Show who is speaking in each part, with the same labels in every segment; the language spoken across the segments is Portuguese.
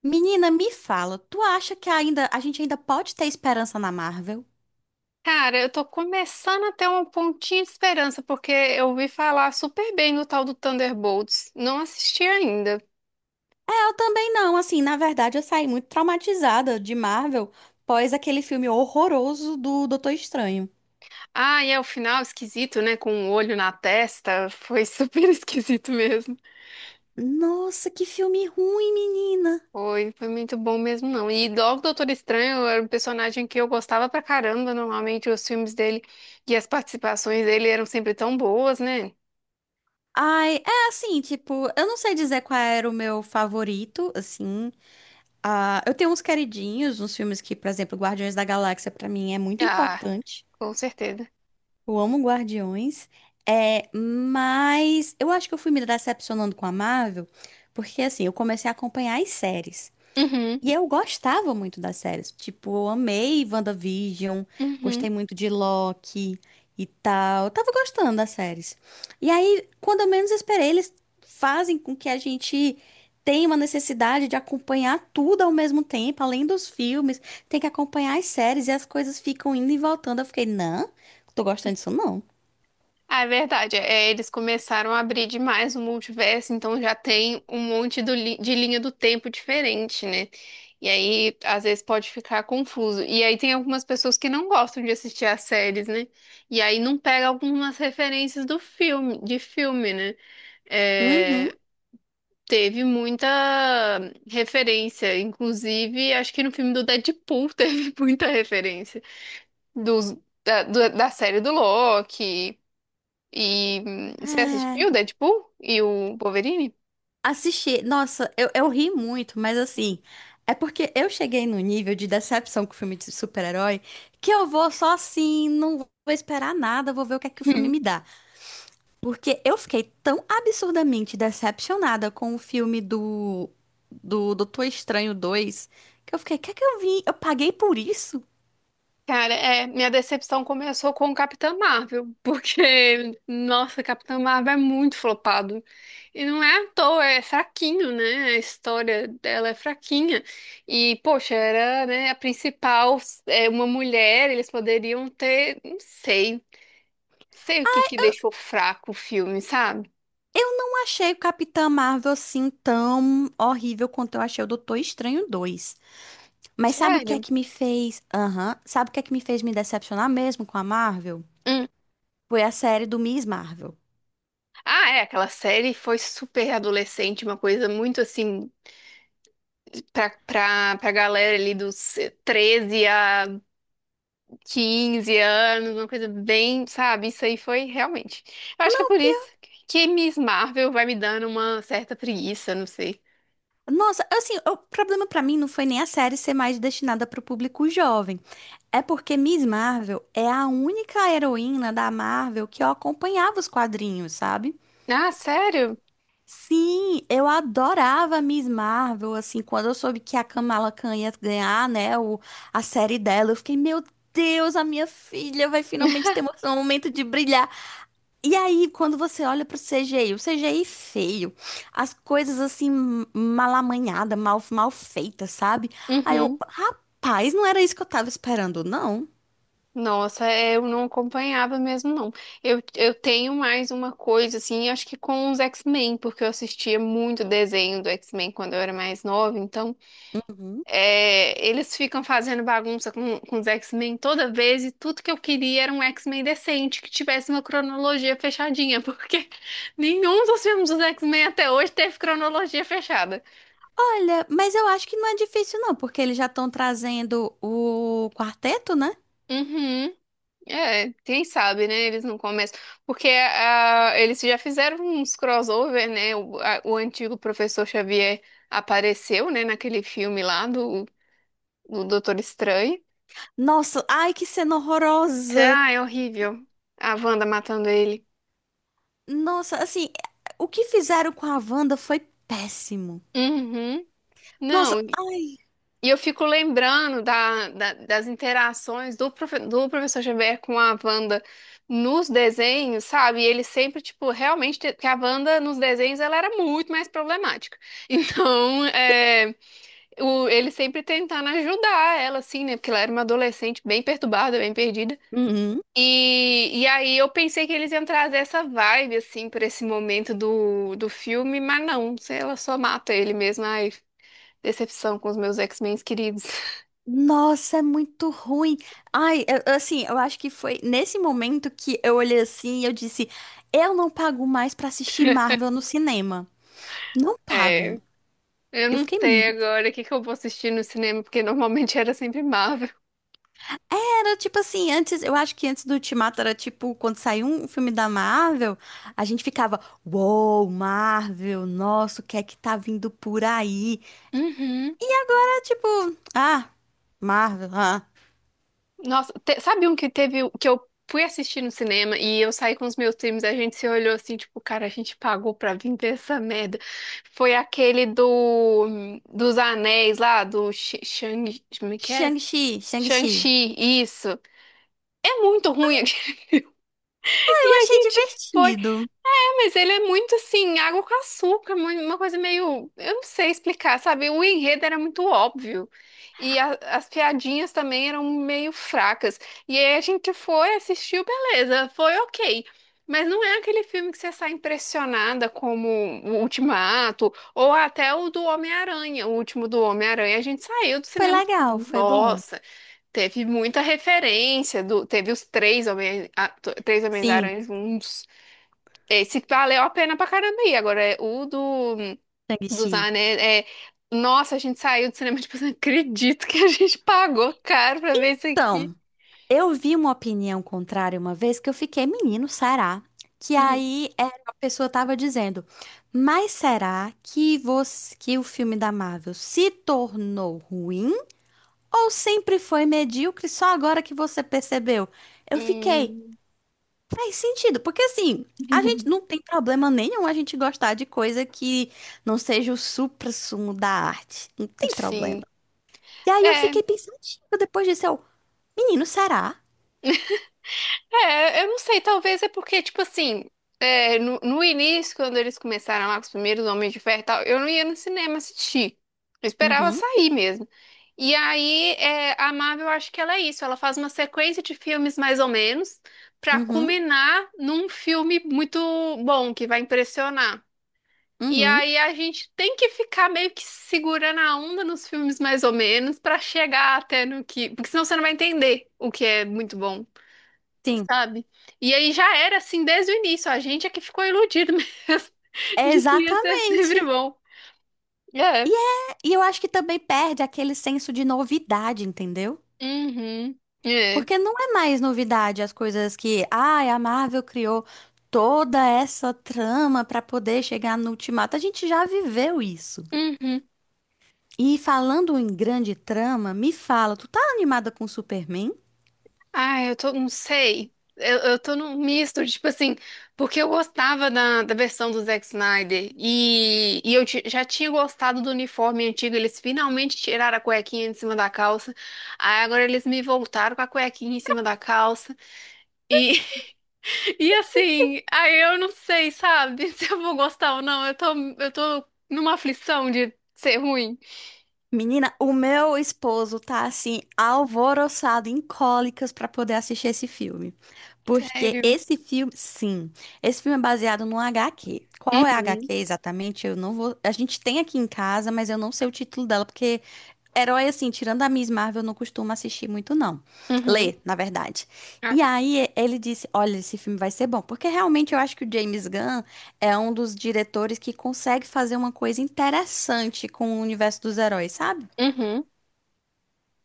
Speaker 1: Menina, me fala, tu acha que ainda a gente ainda pode ter esperança na Marvel?
Speaker 2: Cara, eu tô começando a ter um pontinho de esperança, porque eu ouvi falar super bem do tal do Thunderbolts. Não assisti ainda.
Speaker 1: É, eu também não, assim, na verdade eu saí muito traumatizada de Marvel pós aquele filme horroroso do Doutor Estranho.
Speaker 2: Ah, e é o final esquisito, né? Com um olho na testa. Foi super esquisito mesmo.
Speaker 1: Nossa, que filme ruim, menina.
Speaker 2: Foi muito bom mesmo, não. E logo o Doutor Estranho era um personagem que eu gostava pra caramba. Normalmente os filmes dele e as participações dele eram sempre tão boas, né?
Speaker 1: Ai, é assim, tipo, eu não sei dizer qual era o meu favorito, assim. Ah, eu tenho uns queridinhos, uns filmes que, por exemplo, Guardiões da Galáxia pra mim é muito
Speaker 2: Ah,
Speaker 1: importante.
Speaker 2: com certeza.
Speaker 1: Eu amo Guardiões, é, mas eu acho que eu fui me decepcionando com a Marvel, porque assim, eu comecei a acompanhar as séries.
Speaker 2: Uhum,
Speaker 1: E eu gostava muito das séries. Tipo, eu amei WandaVision,
Speaker 2: uhum.
Speaker 1: gostei muito de Loki e tal. Eu tava gostando das séries. E aí, quando eu menos esperei, eles fazem com que a gente tenha uma necessidade de acompanhar tudo ao mesmo tempo, além dos filmes, tem que acompanhar as séries e as coisas ficam indo e voltando. Eu fiquei, não, tô gostando disso não.
Speaker 2: Ah, é verdade. É, eles começaram a abrir demais o multiverso, então já tem um monte de linha do tempo diferente, né? E aí, às vezes, pode ficar confuso. E aí tem algumas pessoas que não gostam de assistir as séries, né? E aí não pega algumas referências do filme, de filme, né?
Speaker 1: Uhum.
Speaker 2: É, teve muita referência, inclusive, acho que no filme do Deadpool teve muita referência dos, da série do Loki. E você assistiu o
Speaker 1: É.
Speaker 2: Deadpool e o Wolverine?
Speaker 1: Assisti, nossa, eu ri muito, mas assim, é porque eu cheguei no nível de decepção com o filme de super-herói que eu vou só assim, não vou esperar nada, vou ver o que é que o filme
Speaker 2: Hum.
Speaker 1: me dá. Porque eu fiquei tão absurdamente decepcionada com o filme do Doutor Estranho 2 que eu fiquei, quer que eu vim? Eu paguei por isso?
Speaker 2: Cara, é, minha decepção começou com o Capitão Marvel, porque, nossa, Capitão Marvel é muito flopado. E não é à toa, é fraquinho, né? A história dela é fraquinha. E, poxa, era, né, a principal, é uma mulher, eles poderiam ter, não sei, sei o que que deixou fraco o filme, sabe?
Speaker 1: Eu não achei o Capitã Marvel assim tão horrível quanto eu achei o Doutor Estranho 2. Mas sabe o que é
Speaker 2: Sério.
Speaker 1: que me fez? Aham. Sabe o que é que me fez me decepcionar mesmo com a Marvel?
Speaker 2: Hum.
Speaker 1: Foi a série do Miss Marvel.
Speaker 2: Ah, é, aquela série foi super adolescente, uma coisa muito assim pra galera ali dos 13 a 15 anos, uma coisa bem, sabe? Isso aí foi realmente. Eu acho que é
Speaker 1: Não,
Speaker 2: por isso
Speaker 1: pior.
Speaker 2: que Miss Marvel vai me dando uma certa preguiça, não sei.
Speaker 1: Nossa, assim, o problema pra mim não foi nem a série ser mais destinada pro público jovem. É porque Miss Marvel é a única heroína da Marvel que eu acompanhava os quadrinhos, sabe?
Speaker 2: Ah, sério?
Speaker 1: Sim, eu adorava a Miss Marvel, assim, quando eu soube que a Kamala Khan ia ganhar, né, o, a série dela, eu fiquei, meu Deus, a minha filha vai finalmente ter um momento de brilhar. E aí, quando você olha pro CGI, o CGI feio, as coisas assim, mal amanhada, mal feitas, sabe? Aí eu,
Speaker 2: Uhum.
Speaker 1: rapaz, não era isso que eu tava esperando, não.
Speaker 2: Nossa, é, eu não acompanhava mesmo, não. Eu tenho mais uma coisa, assim, acho que com os X-Men, porque eu assistia muito desenho do X-Men quando eu era mais nova, então
Speaker 1: Uhum.
Speaker 2: é, eles ficam fazendo bagunça com os X-Men toda vez e tudo que eu queria era um X-Men decente, que tivesse uma cronologia fechadinha, porque nenhum dos filmes dos X-Men até hoje teve cronologia fechada.
Speaker 1: Olha, mas eu acho que não é difícil, não, porque eles já estão trazendo o quarteto, né?
Speaker 2: Uhum. É, quem sabe, né? Eles não começam. Porque ah, eles já fizeram uns crossover, né? O antigo professor Xavier apareceu, né, naquele filme lá do Doutor Estranho.
Speaker 1: Nossa, ai, que cena horrorosa!
Speaker 2: Ah, é horrível. A Wanda matando ele.
Speaker 1: Nossa, assim, o que fizeram com a Wanda foi péssimo.
Speaker 2: Uhum. Não,
Speaker 1: Nossa, ai.
Speaker 2: e eu fico lembrando das interações do professor Xavier com a Wanda nos desenhos, sabe? E ele sempre, tipo, realmente, que a Wanda nos desenhos ela era muito mais problemática. Então, é, ele sempre tentando ajudar ela, assim, né? Porque ela era uma adolescente bem perturbada, bem perdida.
Speaker 1: Uhum.
Speaker 2: E aí eu pensei que eles iam trazer essa vibe, assim, pra esse momento do filme, mas não, ela só mata ele mesmo. Decepção com os meus X-Men queridos.
Speaker 1: Nossa, é muito ruim. Ai, eu, assim, eu acho que foi nesse momento que eu olhei assim e eu disse: eu não pago mais pra assistir Marvel no cinema. Não
Speaker 2: É,
Speaker 1: pago.
Speaker 2: eu
Speaker 1: Eu
Speaker 2: não
Speaker 1: fiquei.
Speaker 2: sei
Speaker 1: mu-
Speaker 2: agora o que que eu vou assistir no cinema, porque normalmente era sempre Marvel.
Speaker 1: Era tipo assim, antes, eu acho que antes do Ultimato era tipo, quando saiu um filme da Marvel, a gente ficava: uou, Marvel, nossa, o que é que tá vindo por aí?
Speaker 2: Uhum.
Speaker 1: É tipo, ah, Marvel, ah.
Speaker 2: Nossa, te- sabe um que teve, que eu fui assistir no cinema e eu saí com os meus times, a gente se olhou assim, tipo, cara, a gente pagou pra vir ver essa merda. Foi aquele dos anéis lá, do Shang, como é que é?
Speaker 1: Shang-Chi, Shang-Chi.
Speaker 2: Shang-Chi, isso. É muito ruim.
Speaker 1: Ah, eu
Speaker 2: E a
Speaker 1: achei
Speaker 2: gente foi.
Speaker 1: divertido.
Speaker 2: Mas ele é muito assim, água com açúcar, mu- uma coisa meio. Eu não sei explicar, sabe? O enredo era muito óbvio. E as piadinhas também eram meio fracas. E aí a gente foi, assistiu, beleza, foi ok. Mas não é aquele filme que você sai impressionada como o Ultimato, ou até o do Homem-Aranha, o último do Homem-Aranha. A gente saiu do
Speaker 1: Foi
Speaker 2: cinema,
Speaker 1: legal,
Speaker 2: tipo,
Speaker 1: foi bom.
Speaker 2: nossa, teve muita referência, do, teve os três Homens, três
Speaker 1: Sim.
Speaker 2: Homens-Aranhas, um esse valeu a pena pra caramba aí. Agora, é, o dos
Speaker 1: Shang-Chi.
Speaker 2: anéis é. Nossa, a gente saiu do cinema, tipo, não acredito que a gente pagou caro pra ver isso aqui.
Speaker 1: Então, eu vi uma opinião contrária uma vez que eu fiquei, menino, será? Que
Speaker 2: Hum,
Speaker 1: aí é, a pessoa tava dizendo, mas será que você, que o filme da Marvel se tornou ruim ou sempre foi medíocre só agora que você percebeu? Eu fiquei,
Speaker 2: hum.
Speaker 1: faz sentido, porque assim, a gente não tem problema nenhum a gente gostar de coisa que não seja o suprassumo da arte. Não tem problema.
Speaker 2: Sim.
Speaker 1: E aí eu
Speaker 2: É,
Speaker 1: fiquei pensativa depois disso, eu, menino, será?
Speaker 2: é, eu não sei, talvez é porque, tipo assim, é, no início, quando eles começaram lá com os primeiros Homens de Ferro e tal, eu não ia no cinema assistir. Eu esperava
Speaker 1: Uhum,
Speaker 2: sair mesmo. E aí, é, a Marvel, eu acho que ela é isso. Ela faz uma sequência de filmes mais ou menos pra
Speaker 1: uhum,
Speaker 2: culminar num filme muito bom, que vai impressionar. E
Speaker 1: uhum.
Speaker 2: aí a gente tem que ficar meio que segurando a onda nos filmes mais ou menos pra chegar até no que... Porque senão você não vai entender o que é muito bom
Speaker 1: Sim,
Speaker 2: sabe? E aí já era assim desde o início, a gente é que ficou iludido mesmo de que ia ser sempre
Speaker 1: exatamente.
Speaker 2: bom.
Speaker 1: E
Speaker 2: É.
Speaker 1: é, e eu acho que também perde aquele senso de novidade, entendeu?
Speaker 2: Uhum. É.
Speaker 1: Porque não é mais novidade as coisas que, ai, a Marvel criou toda essa trama pra poder chegar no Ultimato. A gente já viveu isso.
Speaker 2: Uhum.
Speaker 1: E falando em grande trama, me fala, tu tá animada com Superman?
Speaker 2: Ah, eu tô, não sei. Eu tô num misto, tipo assim, porque eu gostava da versão do Zack Snyder e eu já tinha gostado do uniforme antigo. Eles finalmente tiraram a cuequinha de cima da calça. Aí agora eles me voltaram com a cuequinha em cima da calça. E, e assim, aí eu não sei, sabe, se eu vou gostar ou não. Eu tô numa aflição de ser ruim.
Speaker 1: Menina, o meu esposo tá assim, alvoroçado em cólicas pra poder assistir esse filme. Porque
Speaker 2: Sério.
Speaker 1: esse filme, sim, esse filme é baseado num HQ. Qual é a
Speaker 2: Uhum.
Speaker 1: HQ exatamente? Eu não vou. A gente tem aqui em casa, mas eu não sei o título dela, porque herói, assim, tirando a Miss Marvel, eu não costumo assistir muito, não.
Speaker 2: Uhum.
Speaker 1: Lê, na verdade.
Speaker 2: Ah,
Speaker 1: E
Speaker 2: tá.
Speaker 1: aí ele disse: olha, esse filme vai ser bom. Porque realmente eu acho que o James Gunn é um dos diretores que consegue fazer uma coisa interessante com o universo dos heróis, sabe?
Speaker 2: Uhum.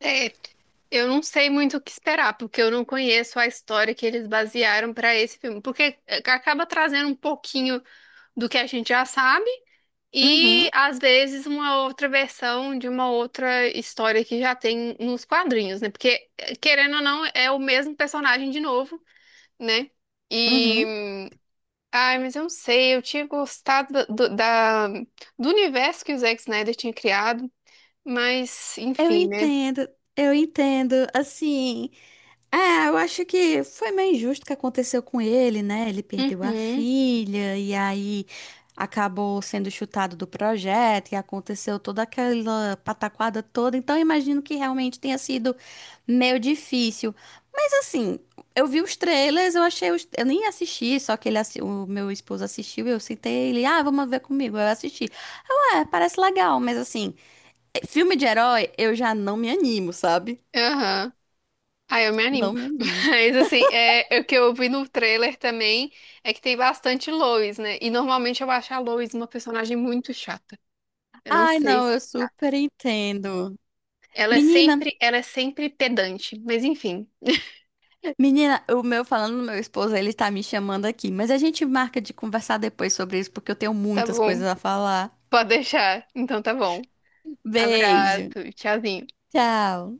Speaker 2: É, eu não sei muito o que esperar, porque eu não conheço a história que eles basearam pra esse filme. Porque acaba trazendo um pouquinho do que a gente já sabe
Speaker 1: Uhum,
Speaker 2: e, às vezes, uma outra versão de uma outra história que já tem nos quadrinhos, né? Porque, querendo ou não, é o mesmo personagem de novo. Né? E,
Speaker 1: uhum.
Speaker 2: ai, mas eu não sei, eu tinha gostado do universo que o Zack Snyder tinha criado, mas,
Speaker 1: Eu
Speaker 2: enfim, né?
Speaker 1: entendo, eu entendo. Assim, é, eu acho que foi meio injusto o que aconteceu com ele, né? Ele perdeu a
Speaker 2: Uhum,
Speaker 1: filha e aí acabou sendo chutado do projeto e aconteceu toda aquela pataquada toda. Então, eu imagino que realmente tenha sido meio difícil. Mas assim, eu vi os trailers, eu achei os... eu nem assisti, só que o meu esposo assistiu e eu citei ele, ah, vamos ver comigo. Eu assisti. Eu, é, parece legal, mas assim, filme de herói eu já não me animo, sabe?
Speaker 2: aham. Ai, eu me animo.
Speaker 1: Não me animo.
Speaker 2: Mas, assim, é, o que eu vi no trailer também é que tem bastante Lois, né? E normalmente eu acho a Lois uma personagem muito chata. Eu não
Speaker 1: Ai,
Speaker 2: sei.
Speaker 1: não,
Speaker 2: Se-
Speaker 1: eu super entendo. Menina,
Speaker 2: Ela é sempre pedante, mas enfim,
Speaker 1: menina, o meu falando do meu esposo, ele tá me chamando aqui, mas a gente marca de conversar depois sobre isso, porque eu tenho
Speaker 2: tá
Speaker 1: muitas
Speaker 2: bom.
Speaker 1: coisas a falar.
Speaker 2: Pode deixar. Então tá bom. Abraço,
Speaker 1: Beijo.
Speaker 2: tchauzinho.
Speaker 1: Tchau.